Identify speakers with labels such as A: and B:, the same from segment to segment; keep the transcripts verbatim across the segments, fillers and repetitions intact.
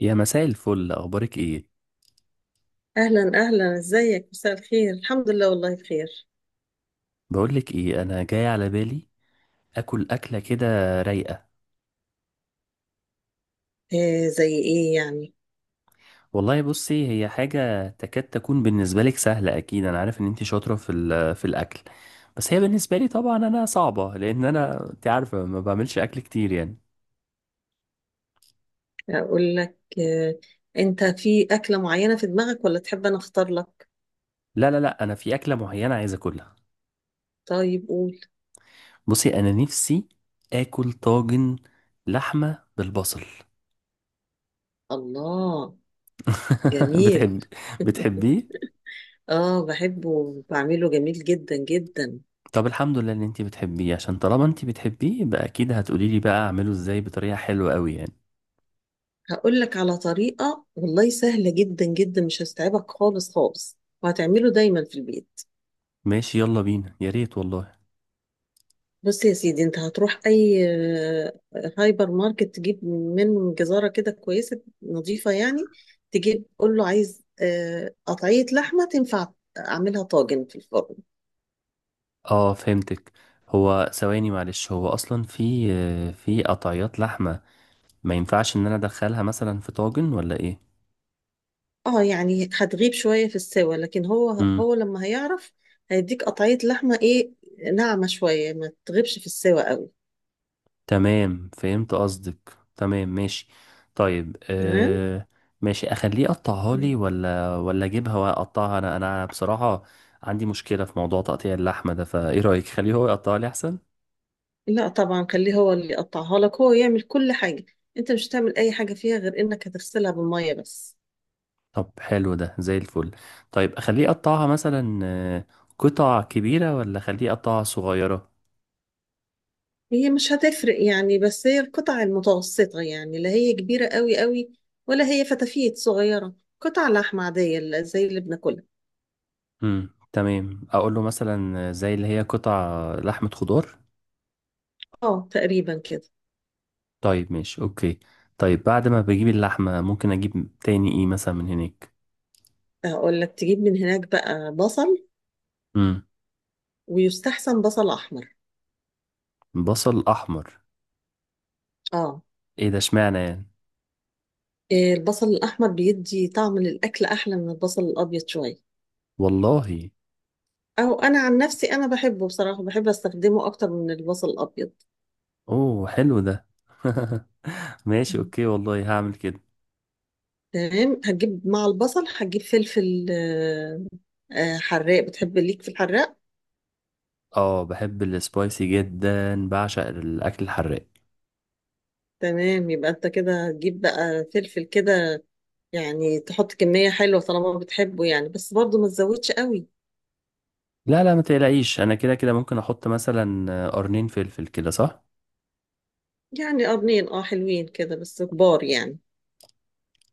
A: يا مساء الفل، اخبارك ايه؟
B: أهلا أهلا، إزيك؟ مساء الخير، الحمد لله والله بخير.
A: بقولك ايه، انا جاي على بالي اكل اكله كده رايقه.
B: إيه زي إيه يعني؟
A: والله بصي، هي حاجه تكاد تكون بالنسبه لك سهله، اكيد انا عارف ان انت شاطره في ال- في الاكل. بس هي بالنسبه لي طبعا انا صعبه، لان انا انت عارفه ما بعملش اكل كتير يعني.
B: أقول لك إيه؟ أنت في أكلة معينة في دماغك ولا تحب أنا أختار لك؟
A: لا، لا، لا، انا في اكله معينه عايز اكلها.
B: طيب قول.
A: بصي، انا نفسي اكل طاجن لحمه بالبصل.
B: الله. جميل.
A: بتحب بتحبيه؟
B: آه، بحبه وبعمله جميل جدا جدا.
A: طب الحمد لله ان انتي بتحبيه، عشان طالما انتي بتحبيه يبقى اكيد هتقولي لي بقى اعمله ازاي بطريقة حلوة قوي يعني.
B: هقول لك على طريقة والله سهلة جدا جدا، مش هستعبك خالص خالص، وهتعمله دايما في البيت.
A: ماشي، يلا بينا يا ريت والله.
B: بص يا سيدي، انت هتروح اي؟ آه، هايبر ماركت تجيب منه جزارة كده كويسة نظيفة يعني. تجيب قول له عايز آه، قطعية لحمة تنفع اعملها طاجن في الفرن.
A: اه، فهمتك. هو ثواني معلش، هو اصلا في آه، في قطعيات لحمة. ما ينفعش ان انا ادخلها مثلا في طاجن ولا ايه؟
B: اه يعني هتغيب شوية في السوا، لكن هو
A: امم.
B: هو لما هيعرف هيديك قطعية لحمة ايه، ناعمة شوية، ما تغيبش في السوا قوي.
A: تمام، فهمت قصدك، تمام، ماشي. طيب،
B: تمام.
A: آه ماشي. اخليه يقطعها لي ولا ولا اجيبها واقطعها انا، انا بصراحة عندي مشكلة في موضوع تقطيع اللحمة ده، فايه رأيك؟ خليه هو يقطعها لي احسن.
B: لا طبعا، خليه هو اللي يقطعها لك، هو يعمل كل حاجة. انت مش هتعمل اي حاجة فيها غير انك هتغسلها بالمية بس.
A: طب حلو ده زي الفل. طيب اخليه يقطعها مثلا آه، قطع كبيرة ولا اخليه يقطعها صغيرة؟
B: هي مش هتفرق يعني، بس هي القطع المتوسطة، يعني لا هي كبيرة قوي قوي ولا هي فتافيت صغيرة، قطع لحمة عادية اللي- زي اللي بناكلها.
A: امم، تمام، اقول له مثلا آه، زي اللي هي قطع لحمة خضار.
B: اه تقريبا كده.
A: طيب، ماشي، اوكي. طيب، بعد ما بجيب اللحمة ممكن اجيب تاني ايه مثلا من هناك؟
B: اقول لك تجيب من هناك بقى بصل.
A: امم.
B: ويستحسن بصل احمر.
A: بصل احمر.
B: اه.
A: ايه ده؟ اشمعنى يعني؟
B: إيه، البصل الاحمر بيدي طعم للاكل احلى من البصل الابيض شوية.
A: والله.
B: او انا عن نفسي انا بحبه بصراحة، بحب استخدمه اكتر من البصل الابيض.
A: اوه، حلو ده. ماشي،
B: مم.
A: اوكي، والله هعمل كده.
B: تمام، هتجيب مع البصل هتجيب فلفل آه، آه، حراق. بتحب ليك في الحراق؟
A: اه، بحب السبايسي جدا، بعشق الاكل الحراق.
B: تمام، يبقى انت كده هتجيب بقى فلفل كده. يعني تحط كمية حلوة طالما بتحبه، يعني بس برضه ما تزودش قوي.
A: لا، لا، ما تقلقيش، انا كده كده ممكن احط مثلا آه، قرنين فلفل كده، صح؟
B: يعني قرنين اه، حلوين كده بس كبار يعني.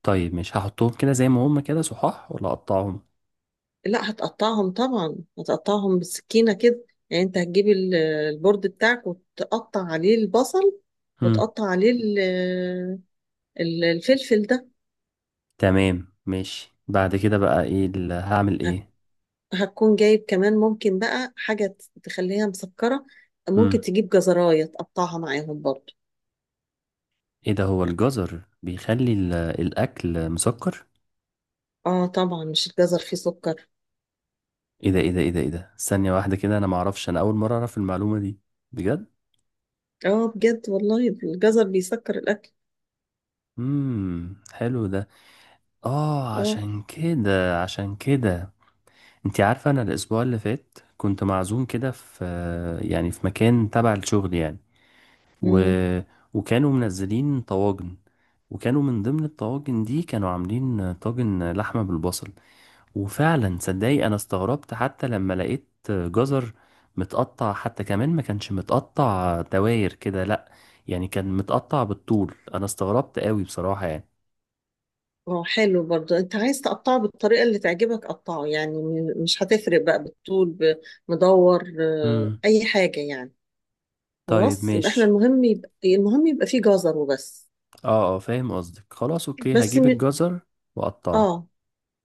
A: طيب مش هحطهم كده زي ما هم كده صحاح ولا اقطعهم؟
B: لا، هتقطعهم طبعا، هتقطعهم بالسكينة كده، يعني انت هتجيب ال- البورد بتاعك وتقطع عليه البصل.
A: امم،
B: وتقطع عليه ال- ال- الفلفل ده.
A: تمام، ماشي. بعد كده بقى ايه، ال- هعمل
B: هت-
A: ايه؟
B: هتكون جايب كمان ممكن بقى حاجة تخليها مسكرة. ممكن
A: امم.
B: تجيب جزراية تقطعها معاهم برضه.
A: ايه ده؟ هو الجزر بيخلي ال- الاكل مسكر؟
B: اه طبعا، مش الجزر فيه سكر.
A: ايه ده، ايه ده، ايه ده، ايه ده، ثانية واحدة كده، انا معرفش، انا اول مرة اعرف المعلومة دي، بجد.
B: اه بجد، والله الجزر بيسكر الاكل.
A: امم حلو ده. اه،
B: اه.
A: عشان كده عشان كده، انت عارفة انا الاسبوع اللي فات كنت معزوم كده في، يعني في مكان تبع الشغل يعني، و...
B: امم.
A: وكانوا منزلين طواجن، وكانوا من ضمن الطواجن دي كانوا عاملين طاجن لحمة بالبصل. وفعلا صدقي، انا استغربت حتى لما لقيت جزر متقطع، حتى كمان ما كانش متقطع دواير كده، لا، يعني كان متقطع بالطول، انا استغربت قوي بصراحة يعني.
B: اه حلو برضه، انت عايز تقطعه بالطريقه اللي تعجبك قطعه، يعني م- مش هتفرق بقى بالطول. بمدور آه،
A: امم
B: اي حاجه يعني.
A: طيب،
B: خلاص، يبقى احنا
A: ماشي.
B: المهم يبقى المهم يبقى فيه جزر وبس.
A: اه، اه، فاهم قصدك. خلاص، اوكي،
B: بس
A: هجيب
B: م...
A: الجزر واقطعه.
B: اه،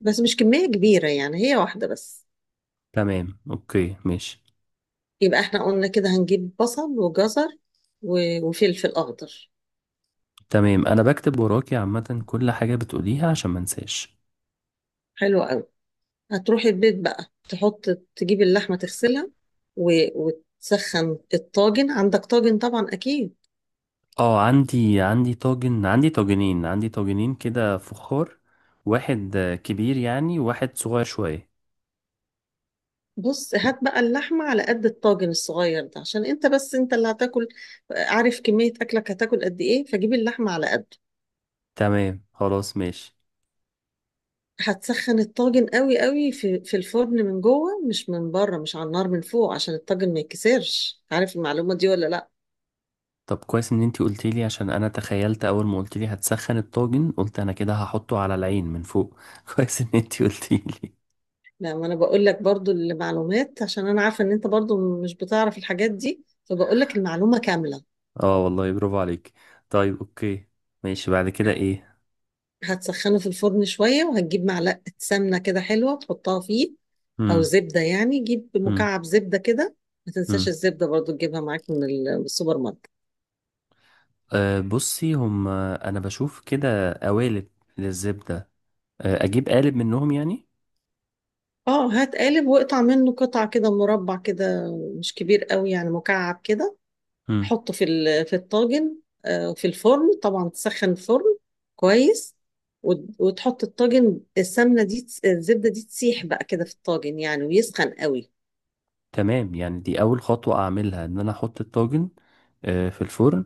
B: بس مش كميه كبيره يعني، هي واحده بس.
A: تمام، اوكي، ماشي.
B: يبقى احنا قلنا كده هنجيب بصل وجزر و... وفلفل اخضر.
A: تمام، انا بكتب وراكي عامة كل حاجة بتقوليها عشان ما انساش.
B: حلو. هتروحي البيت بقى تحط تجيب اللحمة تغسلها و... وتسخن الطاجن. عندك طاجن طبعا أكيد؟
A: اه، عندي عندي طاجن، عندي طاجنين عندي طاجنين كده فخار. واحد آه، كبير يعني، وواحد صغير شوية.
B: بص، هات بقى اللحمة على قد الطاجن الصغير ده، عشان انت بس انت اللي هتاكل. عارف كمية أكلك هتاكل قد ايه، فجيب اللحمة على قده.
A: تمام، خلاص، ماشي.
B: هتسخن الطاجن قوي قوي في, في الفرن، من جوه مش من بره، مش على النار من فوق، عشان الطاجن ما يتكسرش. عارف المعلومة دي ولا لا؟
A: طب كويس ان انتي قلتيلي، عشان انا تخيلت اول ما قلتيلي هتسخن الطاجن، قلت انا كده هحطه على العين من فوق. كويس ان انتي قلتيلي.
B: لا، ما انا بقول لك برضو المعلومات عشان انا عارفة ان انت برضو مش بتعرف الحاجات دي، فبقول لك المعلومة كاملة.
A: اه والله، برافو عليك. طيب، اوكي. ماشي، بعد كده ايه؟
B: هتسخنه في الفرن شوية، وهتجيب معلقة سمنة كده حلوة تحطها فيه. أو زبدة يعني، جيب مكعب زبدة كده. ما تنساش
A: امم
B: الزبدة برضو تجيبها معاك من ال- من السوبر ماركت.
A: أه، بصي، هم انا بشوف كده قوالب للزبدة. أه، اجيب قالب منهم يعني؟
B: اه، هات قالب واقطع منه قطع كده مربع كده. مش كبير قوي يعني، مكعب كده.
A: مم.
B: حطه في ال- في الطاجن آه، في الفرن طبعا، تسخن الفرن كويس. وت- وتحط الطاجن، السمنة دي تس- الزبدة دي تسيح بقى كده في الطاجن يعني، ويسخن قوي.
A: تمام، يعني دي اول خطوة اعملها، ان انا احط الطاجن أه في الفرن،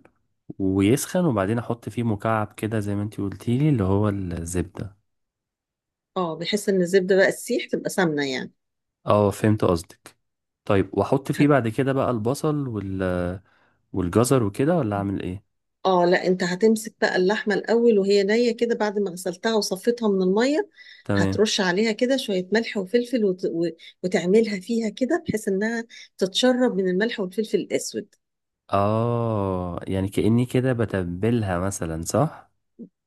A: ويسخن، وبعدين احط فيه مكعب كده زي ما انتي قلتيلي اللي هو الزبدة.
B: اه، بحيث ان الزبدة بقى تسيح تبقى سمنة يعني.
A: اه، فهمت قصدك. طيب واحط فيه
B: هت-
A: بعد كده بقى البصل وال والجزر وكده، ولا اعمل ايه؟
B: اه، لا، انت هتمسك بقى اللحمه الاول وهي نيه كده، بعد ما غسلتها وصفيتها من الميه.
A: تمام.
B: هترش عليها كده شويه ملح وفلفل وت... و- وتعملها فيها كده، بحيث انها تتشرب من الملح والفلفل الاسود.
A: اه، يعني كأني كده بتبلها مثلا، صح؟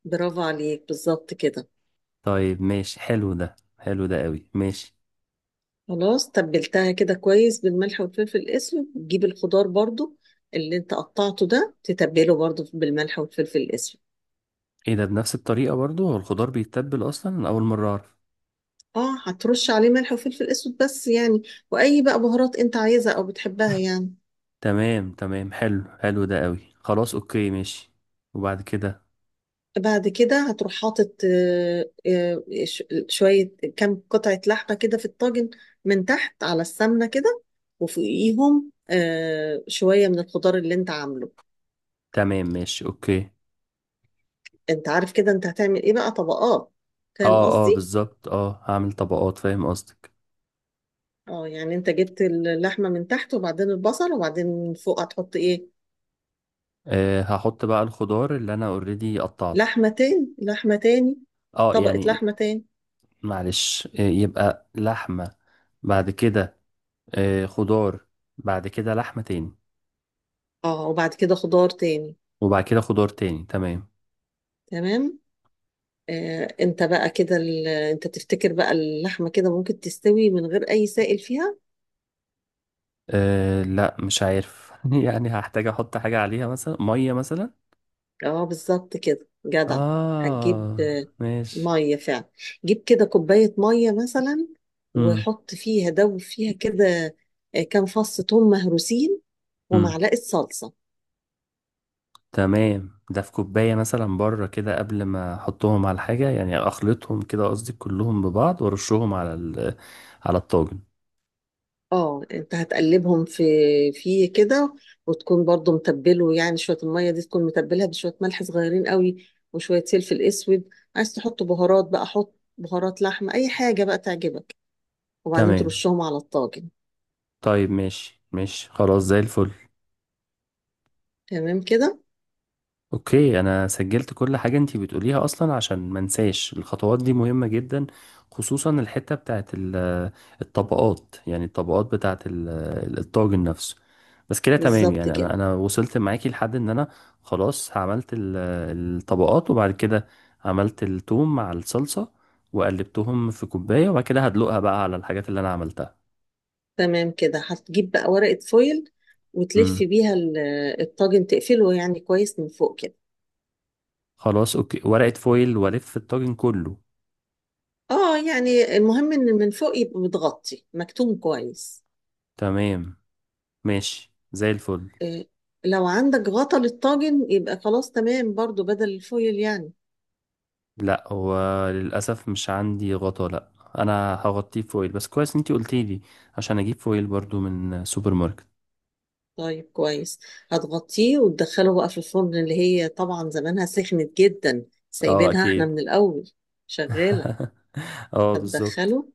B: برافو عليك، بالظبط كده.
A: طيب ماشي، حلو ده، حلو ده قوي، ماشي.
B: خلاص تبلتها كده كويس بالملح والفلفل الاسود، تجيب الخضار برضو اللي انت قطعته ده، تتبله برضو بالملح والفلفل الاسود.
A: ايه ده؟ بنفس الطريقة برضو؟ هو الخضار بيتبل اصلا؟ أنا اول مرة اعرف.
B: اه، هترش عليه ملح وفلفل اسود بس يعني، واي بقى بهارات انت عايزها او بتحبها يعني.
A: تمام تمام، حلو حلو ده قوي، خلاص، اوكي، ماشي. وبعد كده.
B: بعد كده هتروح حاطط آه، آه، ش- شوية، كام قطعة لحمة كده في الطاجن، من تحت على السمنة كده. وفوقيهم آه، شوية من الخضار اللي انت عامله.
A: تمام، ماشي، اوكي.
B: انت عارف كده انت هتعمل ايه بقى؟ طبقات. فاهم
A: اه، اه،
B: قصدي؟
A: بالظبط، اه هعمل طبقات، فاهم قصدك.
B: اه يعني، انت جبت اللحمة من تحت، وبعدين البصل، وبعدين من فوق هتحط ايه؟
A: آه هحط بقى الخضار اللي انا اوريدي قطعته.
B: لحمة تاني لحمة تاني،
A: اه
B: طبقة
A: يعني،
B: لحمة تاني.
A: معلش، آه يبقى لحمة، بعد كده، آه خضار، بعد كده لحمة تاني،
B: اه وبعد كده خضار تاني.
A: وبعد كده خضار تاني، تمام.
B: تمام؟ آه، انت بقى كده ال- انت تفتكر بقى اللحمة كده ممكن تستوي من غير اي سائل فيها؟
A: آه لا، مش عارف. يعني هحتاج احط حاجة عليها مثلا، مية مثلا.
B: اه بالظبط كده، جدع. هتجيب
A: اه.
B: آه،
A: ماشي.
B: مية فعلا. جيب كده كوباية مية مثلا،
A: امم
B: وحط فيها، دوب فيها كده آه، كام فص ثوم مهروسين
A: امم
B: ومعلقة صلصة.
A: تمام، ده في كوباية مثلا بره كده قبل ما احطهم على حاجة يعني، اخلطهم كده قصدي كلهم ببعض، وارشهم على ال على الطاجن.
B: اه، انت هتقلبهم في في كده، وتكون برضو متبله يعني، شويه الميه دي تكون متبلها بشويه ملح صغيرين قوي، وشويه فلفل اسود. عايز تحط بهارات بقى حط بهارات لحمه، اي حاجه بقى تعجبك، وبعدين
A: تمام.
B: ترشهم على الطاجن.
A: طيب، ماشي ماشي، خلاص زي الفل.
B: تمام كده.
A: اوكي، انا سجلت كل حاجة انتي بتقوليها اصلا عشان ما انساش، الخطوات دي مهمة جدا، خصوصا الحتة بتاعت ال- الطبقات يعني، الطبقات بتاعت ال- الطاجن نفسه. بس كده تمام
B: بالظبط
A: يعني،
B: كده.
A: انا انا وصلت معاكي لحد ان انا خلاص عملت ال- الطبقات، وبعد كده عملت التوم مع الصلصة، وقلبتهم في كوباية، وبعد كده هدلقها بقى على الحاجات اللي انا عملتها.
B: تمام كده، هتجيب بقى ورقه فويل وتلف
A: امم
B: بيها ال- الطاجن، تقفله يعني كويس من فوق كده.
A: خلاص، اوكي، ورقة فويل والف الطاجن كله.
B: اه يعني، المهم ان من فوق يبقى متغطي مكتوم كويس.
A: تمام، ماشي، زي الفل.
B: إيه، لو عندك غطا للطاجن يبقى خلاص تمام برضو، بدل الفويل يعني.
A: لا، هو للأسف مش عندي غطا، لا. أنا هغطيه فويل، بس كويس أنتي قلتي لي، عشان أجيب فويل برضو من سوبر ماركت.
B: طيب كويس. هتغطيه وتدخله بقى في الفرن، اللي هي طبعا زمانها سخنت جدا،
A: اه،
B: سايبينها احنا
A: أكيد.
B: من الأول شغالة.
A: اه، بالظبط.
B: هتدخله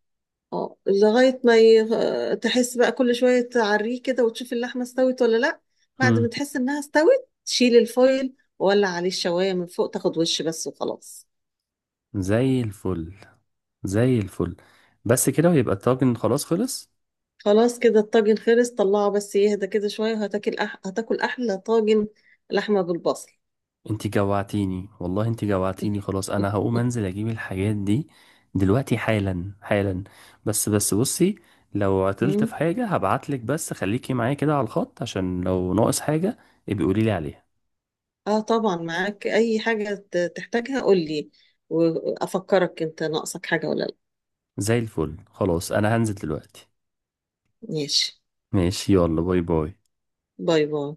B: اه لغاية ما ي... آه، تحس بقى، كل شوية تعريه كده وتشوف اللحمة استوت ولا لأ. بعد
A: مم.
B: ما تحس إنها استوت تشيل الفويل، وولع عليه الشواية من فوق تاخد وش بس وخلاص.
A: زي الفل، زي الفل. بس كده ويبقى الطاجن خلاص خلص.
B: خلاص كده الطاجن خلص، طلعه بس يهدى كده شوية، وهتاكل أح... هتاكل أحلى طاجن لحمة بالبصل.
A: أنتي جوعتيني والله، أنتي جوعتيني، خلاص أنا هقوم أنزل أجيب الحاجات دي دلوقتي، حالا حالا. بس بس، بصي، لو عطلت في
B: مم.
A: حاجة هبعتلك، بس خليكي معايا كده على الخط عشان لو ناقص حاجة ابقي قوليلي عليها.
B: اه طبعا معاك، أي حاجة ت- تحتاجها قولي، وأفكرك أنت ناقصك حاجة ولا لأ.
A: زي الفل، خلاص انا هنزل دلوقتي.
B: ماشي،
A: ماشي، يلا، باي باي.
B: باي باي.